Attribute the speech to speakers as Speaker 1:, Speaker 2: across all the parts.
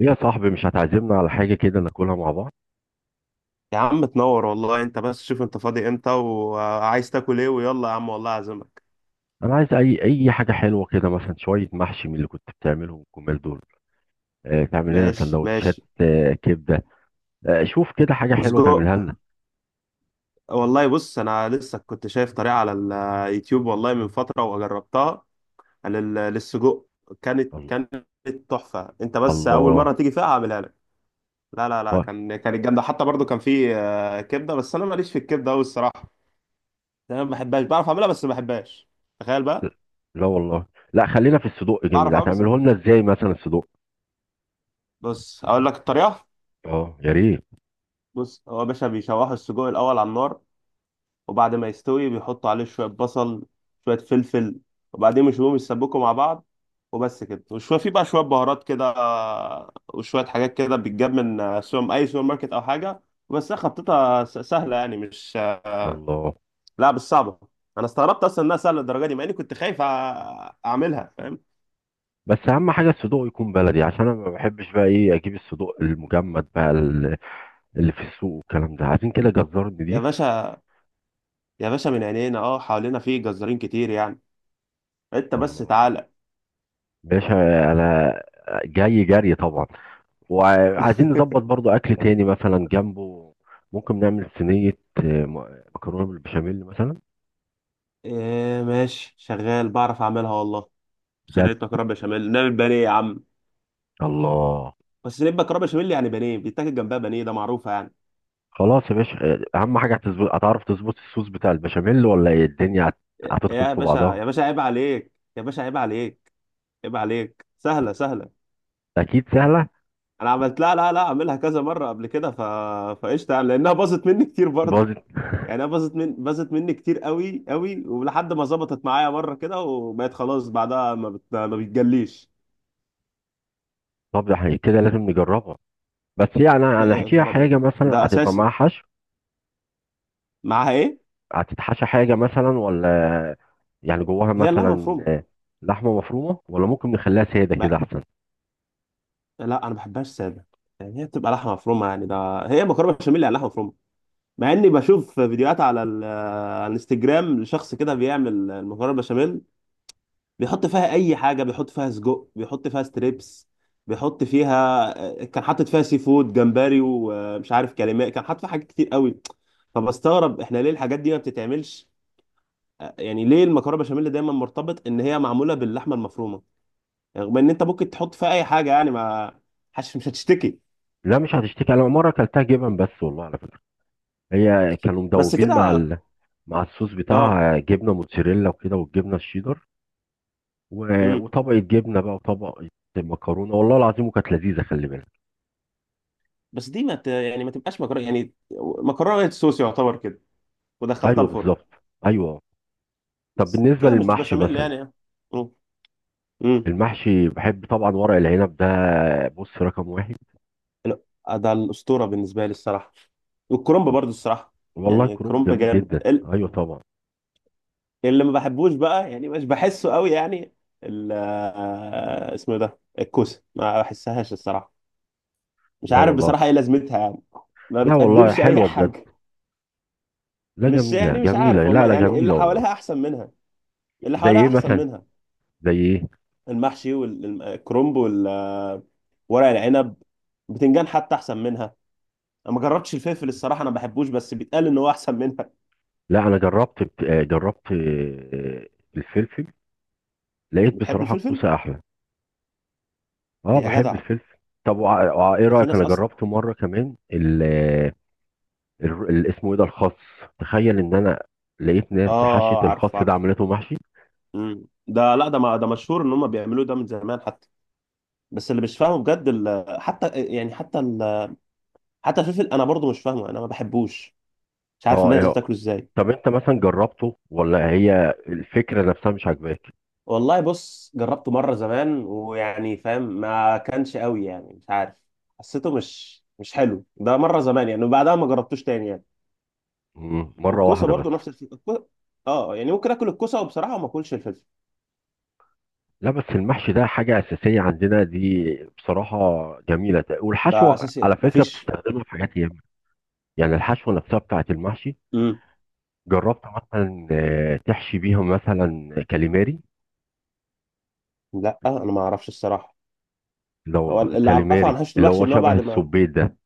Speaker 1: إيه يا صاحبي، مش هتعزمنا على حاجة كده ناكلها مع بعض؟
Speaker 2: يا عم تنور والله، انت بس شوف انت فاضي امتى وعايز تاكل ايه، ويلا يا عم والله اعزمك.
Speaker 1: أنا عايز أي حاجة حلوة كده، مثلا شوية محشي من اللي كنت بتعملهم الجمال دول. تعمل لنا
Speaker 2: ماشي، ماشي.
Speaker 1: سندوتشات، كبدة. شوف كده حاجة حلوة
Speaker 2: وسجق.
Speaker 1: تعملها لنا.
Speaker 2: والله بص، انا لسه كنت شايف طريقة على اليوتيوب والله من فترة وجربتها على للسجق. كانت
Speaker 1: الله.
Speaker 2: كانت تحفة، انت بس اول مرة
Speaker 1: الله.
Speaker 2: تيجي فيها هعملها لك. لا، لا، لا،
Speaker 1: طيب.
Speaker 2: كانت جامدة حتى برضو، كان في كبدة، بس انا ماليش في الكبدة قوي الصراحة. انا ما بحبهاش، بعرف اعملها بس ما بحبهاش. تخيل بقى.
Speaker 1: لا والله. لا، خلينا في الصدوق. جميل،
Speaker 2: بعرف اعملها بس ما
Speaker 1: هتعمله
Speaker 2: بحبهاش.
Speaker 1: لنا إزاي مثلا الصدوق؟
Speaker 2: بص، اقول لك الطريقة.
Speaker 1: أه، يا ريت.
Speaker 2: بص، هو يا باشا بيشوحوا السجق الاول على النار، وبعد ما يستوي بيحطوا عليه شوية بصل، شوية فلفل، وبعدين يشوفوهم يسبكوا مع بعض. وبس كده، وشوية في بقى شوية بهارات كده، وشوية حاجات كده بتجاب من أي سوبر ماركت أو حاجة. بس هي خطتها سهلة يعني، مش
Speaker 1: الله.
Speaker 2: لا، مش صعبة. أنا استغربت أصلا إنها سهلة للدرجة دي، مع إني كنت خايف أعملها، فاهم؟
Speaker 1: بس أهم حاجة الصدوق يكون بلدي، عشان أنا ما بحبش بقى إيه، أجيب الصدوق المجمد بقى اللي في السوق والكلام ده. عايزين كده جزار
Speaker 2: يا
Speaker 1: نضيف.
Speaker 2: باشا، يا باشا، من عينينا. حوالينا في جزارين كتير يعني. أنت بس
Speaker 1: الله.
Speaker 2: تعالى.
Speaker 1: باشا. انا جاي جري طبعا. وعايزين نظبط برضو اكل تاني مثلا جنبه. ممكن نعمل صينية مكرونة بالبشاميل مثلا.
Speaker 2: إيه ماشي، شغال، بعرف أعملها والله.
Speaker 1: بجد.
Speaker 2: صينية مكرونة بشاميل، نعمل بانيه يا عم.
Speaker 1: الله.
Speaker 2: بس نبقى كرامة بشاميل يعني، بانيه بيتاكل جنبها، بانيه ده معروفة يعني.
Speaker 1: خلاص يا باشا. اهم حاجة هتظبط، هتعرف تظبط الصوص بتاع البشاميل ولا ايه الدنيا هتدخل
Speaker 2: يا
Speaker 1: في
Speaker 2: باشا،
Speaker 1: بعضها؟
Speaker 2: يا باشا عيب عليك. يا باشا عيب عليك. عيب عليك، سهلة سهلة.
Speaker 1: اكيد سهلة.
Speaker 2: انا لا، لا، لا، اعملها كذا مرة قبل كده، فقشطة يعني، لانها باظت مني كتير برضه.
Speaker 1: باظت.
Speaker 2: يعني انا باظت مني كتير قوي قوي، ولحد ما ظبطت معايا مرة كده وبقت خلاص، بعدها ما بتجليش.
Speaker 1: طب ده احنا كده لازم نجربها. بس يعني
Speaker 2: لا، يا
Speaker 1: هنحكيها
Speaker 2: نهار
Speaker 1: حاجة
Speaker 2: ابيض.
Speaker 1: مثلا
Speaker 2: ده
Speaker 1: هتبقى
Speaker 2: اساسي.
Speaker 1: معاها حشو؟
Speaker 2: معاها ايه؟
Speaker 1: هتتحشى حاجة مثلا، ولا يعني جواها
Speaker 2: هي اللحمة
Speaker 1: مثلا
Speaker 2: مفرومة.
Speaker 1: لحمة مفرومة، ولا ممكن نخليها سادة كده
Speaker 2: ما...
Speaker 1: أحسن؟
Speaker 2: لا، انا ما بحبهاش سادة. يعني هي بتبقى لحمة مفرومة، يعني ده هي مكرونة بشاميل يعني لحمة مفرومة. مع اني بشوف فيديوهات على الانستجرام لشخص كده بيعمل المكرونه بشاميل، بيحط فيها اي حاجه، بيحط فيها سجق، بيحط فيها ستريبس، بيحط فيها آه، كان حاطط فيها سي فود جمبري، ومش عارف كلمات، كان حاطط فيها حاجات كتير قوي. فبستغرب احنا ليه الحاجات دي ما بتتعملش. يعني ليه المكرونه بشاميل دايما مرتبط ان هي معموله باللحمه المفرومه؟ يعني رغم ان انت ممكن تحط فيها اي حاجه، يعني ما حش مش هتشتكي.
Speaker 1: لا مش هتشتكي. أنا مرة أكلتها جبن بس، والله على فكرة. هي كانوا
Speaker 2: بس
Speaker 1: مدوبين مع
Speaker 2: كده.
Speaker 1: ال... مع الصوص
Speaker 2: اه.
Speaker 1: بتاعها، جبنة موتزاريلا وكده، والجبنة الشيدر، و...
Speaker 2: امم.
Speaker 1: وطبقة جبنة بقى وطبقة مكرونة، والله العظيم، وكانت لذيذة، خلي بالك.
Speaker 2: بس دي ما ت... يعني ما تبقاش مكرونه يعني، مكرونه وايت صوص يعتبر كده، ودخلتها
Speaker 1: أيوه
Speaker 2: الفرن.
Speaker 1: بالظبط. أيوه. طب
Speaker 2: بس
Speaker 1: بالنسبة
Speaker 2: كده مش
Speaker 1: للمحشي
Speaker 2: بشاميل
Speaker 1: مثلا،
Speaker 2: يعني. امم. امم.
Speaker 1: المحشي بحب طبعا ورق العنب ده، بص، رقم واحد.
Speaker 2: لا، ده الاسطوره بالنسبه لي الصراحه. والكرنب
Speaker 1: بالظبط.
Speaker 2: برضو الصراحه.
Speaker 1: والله
Speaker 2: يعني
Speaker 1: كرنب
Speaker 2: الكرنب
Speaker 1: جميل
Speaker 2: جامد،
Speaker 1: جدا. أيوه طبعا.
Speaker 2: اللي ما بحبوش بقى يعني مش بحسه قوي يعني. ال... آه، اسمه ده الكوسه، ما بحسهاش الصراحه. مش
Speaker 1: لا
Speaker 2: عارف
Speaker 1: والله.
Speaker 2: بصراحه ايه لازمتها يعني. ما
Speaker 1: لا والله،
Speaker 2: بتقدمش اي
Speaker 1: حلوة بجد.
Speaker 2: حاجه.
Speaker 1: لا،
Speaker 2: مش،
Speaker 1: جميلة
Speaker 2: يعني مش عارف
Speaker 1: جميلة، لا
Speaker 2: والله،
Speaker 1: لا،
Speaker 2: يعني اللي
Speaker 1: جميلة والله.
Speaker 2: حواليها احسن منها. اللي
Speaker 1: زي
Speaker 2: حواليها
Speaker 1: ايه
Speaker 2: احسن
Speaker 1: مثلا؟
Speaker 2: منها.
Speaker 1: زي ايه؟
Speaker 2: المحشي والكرنب والورق العنب. بتنجان حتى احسن منها. انا ما جربتش الفلفل الصراحه، انا ما بحبوش، بس بيتقال ان هو احسن منها.
Speaker 1: لا انا جربت جربت الفلفل. لقيت
Speaker 2: بتحب
Speaker 1: بصراحة
Speaker 2: الفلفل؟
Speaker 1: الكوسة احلى. اه،
Speaker 2: يا
Speaker 1: بحب
Speaker 2: جدع.
Speaker 1: الفلفل. طب ايه
Speaker 2: ده في
Speaker 1: رأيك،
Speaker 2: ناس
Speaker 1: انا
Speaker 2: اصلا.
Speaker 1: جربت مرة كمان ال آه، ال- ال- اسمه ايه ده، الخس. تخيل ان انا لقيت
Speaker 2: اه،
Speaker 1: ناس
Speaker 2: اه،
Speaker 1: حشت
Speaker 2: عارف
Speaker 1: الخس ده،
Speaker 2: عارف.
Speaker 1: عملته محشي.
Speaker 2: مم. ده، لا ده، ما ده مشهور ان هم بيعملوه ده من زمان حتى. بس اللي مش فاهمه بجد حتى يعني حتى حتى الفلفل، انا برضو مش فاهمه، انا ما بحبوش. مش عارف
Speaker 1: اه،
Speaker 2: الناس
Speaker 1: ايه.
Speaker 2: بتاكله ازاي.
Speaker 1: طب انت مثلا جربته، ولا هي الفكرة نفسها مش عاجباك؟
Speaker 2: والله بص، جربته مرة زمان، ويعني فاهم، ما كانش قوي يعني، مش عارف. حسيته مش حلو، ده مرة زمان يعني، وبعدها ما جربتوش تاني يعني.
Speaker 1: مرة
Speaker 2: والكوسة
Speaker 1: واحدة بس.
Speaker 2: برضو نفس الفكرة، اه، يعني ممكن اكل الكوسة، وبصراحة ما اكلش الفلفل.
Speaker 1: لا، بس المحشي ده حاجة أساسية عندنا دي، بصراحة. جميلة،
Speaker 2: ده
Speaker 1: والحشوة
Speaker 2: اساسي،
Speaker 1: على
Speaker 2: ما
Speaker 1: فكرة
Speaker 2: فيش.
Speaker 1: بتستخدمها في حاجات ياما. يعني الحشوة نفسها بتاعة المحشي،
Speaker 2: امم.
Speaker 1: جربت مثلا تحشي بيهم مثلا كاليماري؟
Speaker 2: لا، انا ما اعرفش الصراحة.
Speaker 1: لا
Speaker 2: هو
Speaker 1: والله،
Speaker 2: اللي اعرفه عن
Speaker 1: الكاليماري
Speaker 2: حشو
Speaker 1: اللي
Speaker 2: الوحش
Speaker 1: هو
Speaker 2: ان هو
Speaker 1: شبه
Speaker 2: بعد ما.
Speaker 1: السبيت ده.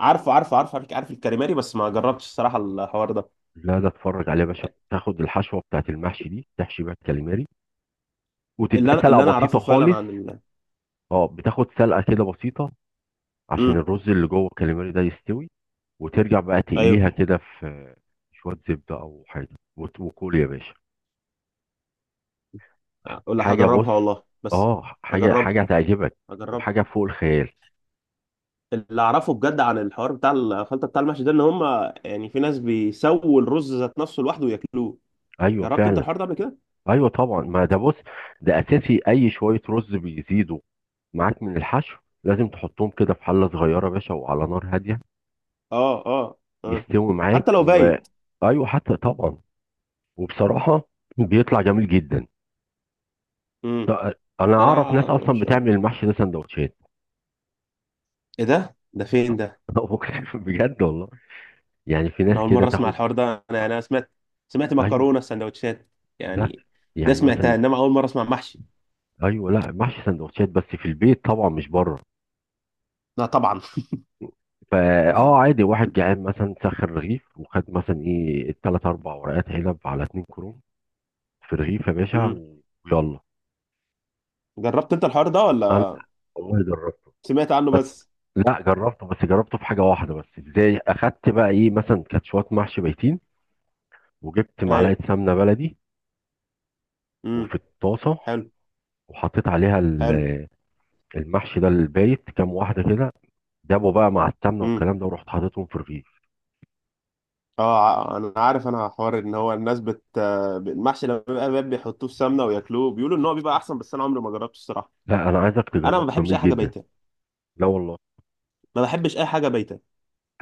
Speaker 2: عارف الكاليماري، بس ما جربتش الصراحة الحوار ده.
Speaker 1: لا، ده اتفرج عليه يا باشا. بتاخد الحشوة بتاعة المحشي دي، تحشي بيها الكاليماري،
Speaker 2: اللي
Speaker 1: وتديها
Speaker 2: انا
Speaker 1: سلقة
Speaker 2: اللي انا
Speaker 1: بسيطة
Speaker 2: اعرفه فعلا
Speaker 1: خالص.
Speaker 2: عن.
Speaker 1: اه، بتاخد سلقة كده بسيطة، عشان
Speaker 2: امم.
Speaker 1: الرز اللي جوه الكاليماري ده يستوي. وترجع بقى
Speaker 2: ايوه.
Speaker 1: تقليها كده في شوية زبدة أو حاجة. وكل يا باشا
Speaker 2: ولا
Speaker 1: حاجة. بص،
Speaker 2: هجربها والله، بس.
Speaker 1: اه، حاجة
Speaker 2: هجربها.
Speaker 1: حاجة هتعجبك،
Speaker 2: هجربها.
Speaker 1: وحاجة فوق الخيال.
Speaker 2: اللي اعرفه بجد عن الحوار بتاع الخلطه بتاع المحشي ده، ان هم يعني في ناس بيسووا الرز ذات نفسه لوحده وياكلوه.
Speaker 1: أيوه
Speaker 2: جربت انت
Speaker 1: فعلا.
Speaker 2: الحوار ده قبل كده؟
Speaker 1: أيوه طبعا، ما ده بص، ده أساسي. أي شوية رز بيزيدوا معاك من الحشو، لازم تحطهم كده في حلة صغيرة يا باشا وعلى نار هادية،
Speaker 2: اه، اه، اه.
Speaker 1: يستوي معاك.
Speaker 2: حتى لو
Speaker 1: و
Speaker 2: بايت.
Speaker 1: أيوه حتى طبعا. وبصراحة بيطلع جميل جدا.
Speaker 2: امم.
Speaker 1: أنا أعرف ناس
Speaker 2: انا
Speaker 1: أصلا
Speaker 2: مش عارف.
Speaker 1: بتعمل المحشي ده سندوتشات.
Speaker 2: ايه ده فين ده؟
Speaker 1: بجد والله. يعني في
Speaker 2: انا
Speaker 1: ناس
Speaker 2: اول
Speaker 1: كده
Speaker 2: مره اسمع
Speaker 1: تاخد.
Speaker 2: الحوار ده، انا يعني انا سمعت
Speaker 1: ايوه.
Speaker 2: مكرونه سندوتشات.
Speaker 1: لا
Speaker 2: يعني. ده
Speaker 1: يعني
Speaker 2: سمعتها،
Speaker 1: مثلا،
Speaker 2: انما اول مره اسمع محشي.
Speaker 1: ايوه. لا، محشي سندوتشات بس في البيت طبعا مش بره.
Speaker 2: لا، طبعا.
Speaker 1: فا عادي، واحد جعان مثلا سخن رغيف، وخد مثلا ايه التلات اربع ورقات عنب على اتنين كروم في رغيف يا باشا
Speaker 2: امم.
Speaker 1: ويلا.
Speaker 2: جربت انت الحوار ده
Speaker 1: انا،
Speaker 2: ولا؟
Speaker 1: والله جربت.
Speaker 2: سمعت عنه
Speaker 1: بس
Speaker 2: بس.
Speaker 1: لا، جربته. بس جربته في حاجه واحده بس. ازاي؟ اخدت بقى ايه مثلا، كانت شويه محشي بيتين، وجبت
Speaker 2: ايوه.
Speaker 1: معلقه سمنه بلدي
Speaker 2: امم.
Speaker 1: وفي الطاسه،
Speaker 2: حلو.
Speaker 1: وحطيت عليها
Speaker 2: حلو.
Speaker 1: المحشي ده البايت كام واحده كده. جابوا بقى مع السمنه
Speaker 2: امم.
Speaker 1: والكلام ده، ورحت حاططهم في الرغيف.
Speaker 2: اه، انا عارف، انا حوار ان هو الناس بت آه، المحشي لما بيبقى باب بيحطوه في سمنه وياكلوه، بيقولوا ان هو بيبقى احسن، بس انا عمري ما جربته الصراحه.
Speaker 1: لا انا عايزك
Speaker 2: انا ما
Speaker 1: تجربه،
Speaker 2: بحبش اي
Speaker 1: جميل
Speaker 2: حاجه
Speaker 1: جدا.
Speaker 2: بايته.
Speaker 1: لا والله،
Speaker 2: ما بحبش اي حاجه بايته.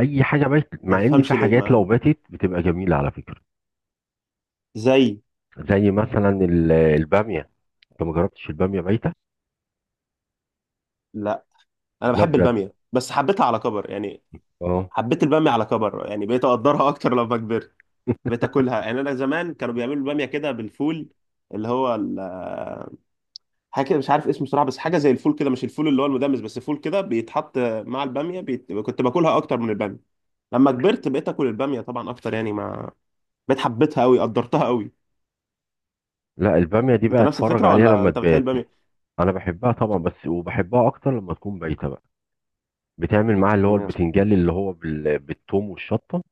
Speaker 1: اي حاجه باتت،
Speaker 2: ما
Speaker 1: مع ان في
Speaker 2: تفهمش ليه، ما
Speaker 1: حاجات لو
Speaker 2: يعني.
Speaker 1: باتت بتبقى جميله على فكره.
Speaker 2: زي.
Speaker 1: زي مثلا الباميه، انت ما جربتش الباميه بايته؟
Speaker 2: لا، انا
Speaker 1: لا
Speaker 2: بحب
Speaker 1: بجد.
Speaker 2: الباميه، بس حبيتها على كبر يعني.
Speaker 1: اه.
Speaker 2: حبيت الباميه على كبر يعني، بقيت اقدرها اكتر لما كبرت. بقيت اكلها، يعني انا زمان كانوا بيعملوا الباميه كده بالفول، اللي هو حاجه كده مش عارف اسمه صراحه، بس حاجه زي الفول كده، مش الفول اللي هو المدمس، بس فول كده بيتحط مع الباميه، كنت باكلها اكتر من الباميه. لما كبرت بقيت اكل الباميه طبعا اكتر، يعني ما بقيت حبيتها قوي، قدرتها قوي.
Speaker 1: لا الباميه دي
Speaker 2: انت
Speaker 1: بقى
Speaker 2: نفس
Speaker 1: اتفرج
Speaker 2: الفكره
Speaker 1: عليها
Speaker 2: ولا
Speaker 1: لما
Speaker 2: انت بتحب
Speaker 1: تبات.
Speaker 2: الباميه؟
Speaker 1: انا بحبها طبعا، بس وبحبها اكتر لما تكون بايته بقى. بتعمل معاها اللي هو
Speaker 2: مم.
Speaker 1: البتنجان اللي هو بال... بالثوم والشطه.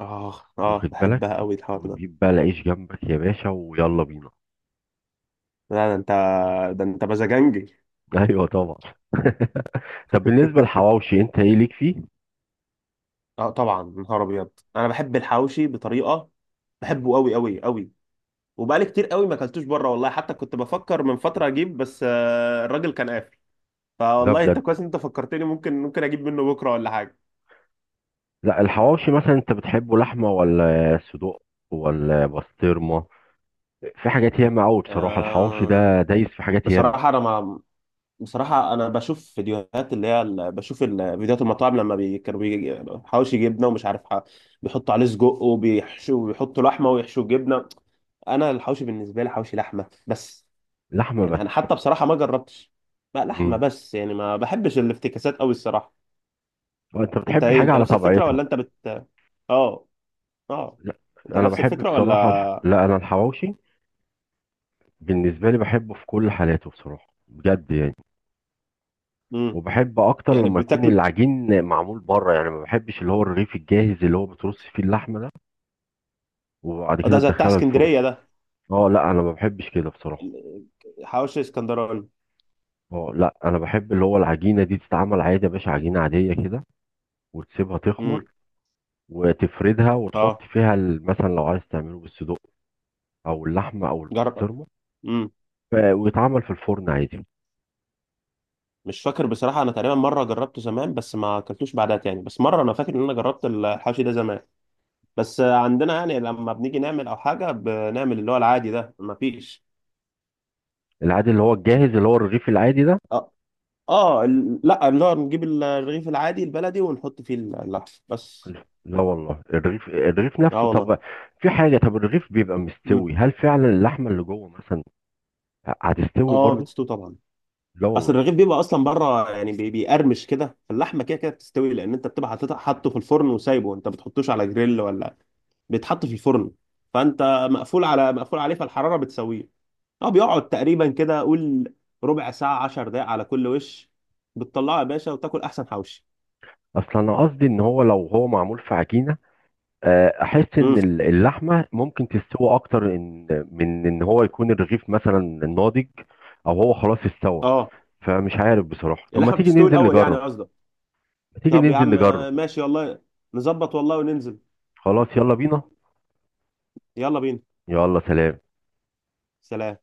Speaker 2: اه، اه،
Speaker 1: واخد
Speaker 2: بحبها
Speaker 1: بالك؟
Speaker 2: قوي الحوار ده.
Speaker 1: وتجيب بقى العيش جنبك يا باشا، ويلا بينا.
Speaker 2: لا، ده انت. ده انت مزاجنجي.
Speaker 1: ايوه طبعا. طب بالنسبة للحواوشي انت ايه ليك فيه؟
Speaker 2: اه، طبعا نهار ابيض، انا بحب الحواوشي بطريقه. بحبه قوي قوي قوي. وبقالي كتير قوي ما اكلتوش بره والله، حتى كنت بفكر من فتره اجيب، بس الراجل كان قافل.
Speaker 1: لا
Speaker 2: فوالله انت
Speaker 1: بجد.
Speaker 2: كويس إن انت فكرتني، ممكن اجيب منه بكره ولا حاجه.
Speaker 1: لا، الحواوشي مثلا انت بتحبه لحمة، ولا صدوق، ولا بسطرمة؟ في حاجات ياما قوي بصراحة، الحواوشي
Speaker 2: آه.
Speaker 1: ده دايس في حاجات ياما.
Speaker 2: بصراحه انا ما بصراحة أنا بشوف فيديوهات، فيديوهات المطاعم، حواوشي جبنة، ومش عارف بيحطوا عليه سجق، وبيحشوا وبيحطوا لحمة ويحشوا جبنة. أنا الحواوشي بالنسبة لي حواوشي لحمة بس.
Speaker 1: لحمة
Speaker 2: يعني
Speaker 1: بس.
Speaker 2: أنا حتى بصراحة ما جربتش بقى، لحمة
Speaker 1: امم.
Speaker 2: بس يعني، ما بحبش الافتكاسات أوي الصراحة.
Speaker 1: وانت
Speaker 2: أنت
Speaker 1: بتحب
Speaker 2: إيه؟
Speaker 1: الحاجة
Speaker 2: أنت
Speaker 1: على
Speaker 2: نفس الفكرة
Speaker 1: طبيعتها.
Speaker 2: ولا أنت آه آه
Speaker 1: لا
Speaker 2: أنت
Speaker 1: انا
Speaker 2: نفس
Speaker 1: بحب
Speaker 2: الفكرة ولا؟
Speaker 1: بصراحة الح... لا انا الحواوشي بالنسبة لي بحبه في كل حالاته بصراحة بجد يعني.
Speaker 2: مم.
Speaker 1: وبحب اكتر
Speaker 2: يعني
Speaker 1: لما يكون
Speaker 2: بتاكل.
Speaker 1: العجين معمول بره، يعني ما بحبش اللي هو الرغيف الجاهز اللي هو بترص فيه اللحمة ده، وبعد
Speaker 2: آه،
Speaker 1: كده
Speaker 2: ده زي بتاع
Speaker 1: تدخلها الفرن.
Speaker 2: اسكندرية ده.
Speaker 1: اه لا، انا ما بحبش كده بصراحة.
Speaker 2: ال- حواوشي اسكندراني.
Speaker 1: اه لا، انا بحب اللي هو العجينه دي تتعمل عادي يا باشا، عجينه عاديه كده، وتسيبها تخمر،
Speaker 2: امم.
Speaker 1: وتفردها، وتحط
Speaker 2: آه.
Speaker 1: فيها مثلا لو عايز تعمله بالصدق، او اللحمه، او
Speaker 2: جرب.
Speaker 1: البسطرمه.
Speaker 2: امم.
Speaker 1: ويتعمل في الفرن عادي.
Speaker 2: مش فاكر بصراحة، أنا تقريبا مرة جربته زمان، بس ما أكلتوش بعدها تاني، بس مرة أنا فاكر إن أنا جربت الحوشي ده زمان. بس عندنا يعني، لما بنيجي نعمل أو حاجة، بنعمل اللي هو العادي ده، ما فيش.
Speaker 1: العادي اللي هو الجاهز اللي هو الرغيف العادي ده؟
Speaker 2: آه، آه، لا، اللي هو نجيب الرغيف العادي البلدي ونحط فيه اللحم بس.
Speaker 1: لا والله، الرغيف الرغيف نفسه.
Speaker 2: آه والله.
Speaker 1: طب في حاجه، طب الرغيف بيبقى
Speaker 2: مم.
Speaker 1: مستوي، هل فعلا اللحمه اللي جوه مثلا هتستوي
Speaker 2: آه،
Speaker 1: برضو؟
Speaker 2: بتستوي طبعا.
Speaker 1: لا
Speaker 2: أصل
Speaker 1: والله.
Speaker 2: الرغيف بيبقى أصلا بره يعني، بيقرمش كده، اللحمة كده كده بتستوي، لأن أنت بتبقى حاطه في الفرن وسايبه، أنت بتحطوش على جريل ولا؟ بيتحط في الفرن. فأنت مقفول عليه، فالحرارة بتسويه. اه، بيقعد تقريبا كده، قول ربع ساعة، 10 دقايق على كل وش، بتطلعه يا باشا وتاكل احسن حوشي.
Speaker 1: اصل انا قصدي ان هو لو هو معمول في عجينه، احس ان
Speaker 2: امم.
Speaker 1: اللحمه ممكن تستوى اكتر، إن من ان هو يكون الرغيف مثلا ناضج، او هو خلاص استوى.
Speaker 2: اه.
Speaker 1: فمش عارف بصراحه، طب ما
Speaker 2: اللحمة
Speaker 1: تيجي
Speaker 2: بتستوي
Speaker 1: ننزل
Speaker 2: الاول يعني
Speaker 1: نجرب،
Speaker 2: قصدك؟
Speaker 1: ما تيجي
Speaker 2: طب يا
Speaker 1: ننزل
Speaker 2: عم،
Speaker 1: نجرب.
Speaker 2: ماشي والله، نظبط والله وننزل.
Speaker 1: خلاص يلا بينا.
Speaker 2: يلا بينا.
Speaker 1: يلا سلام.
Speaker 2: سلام.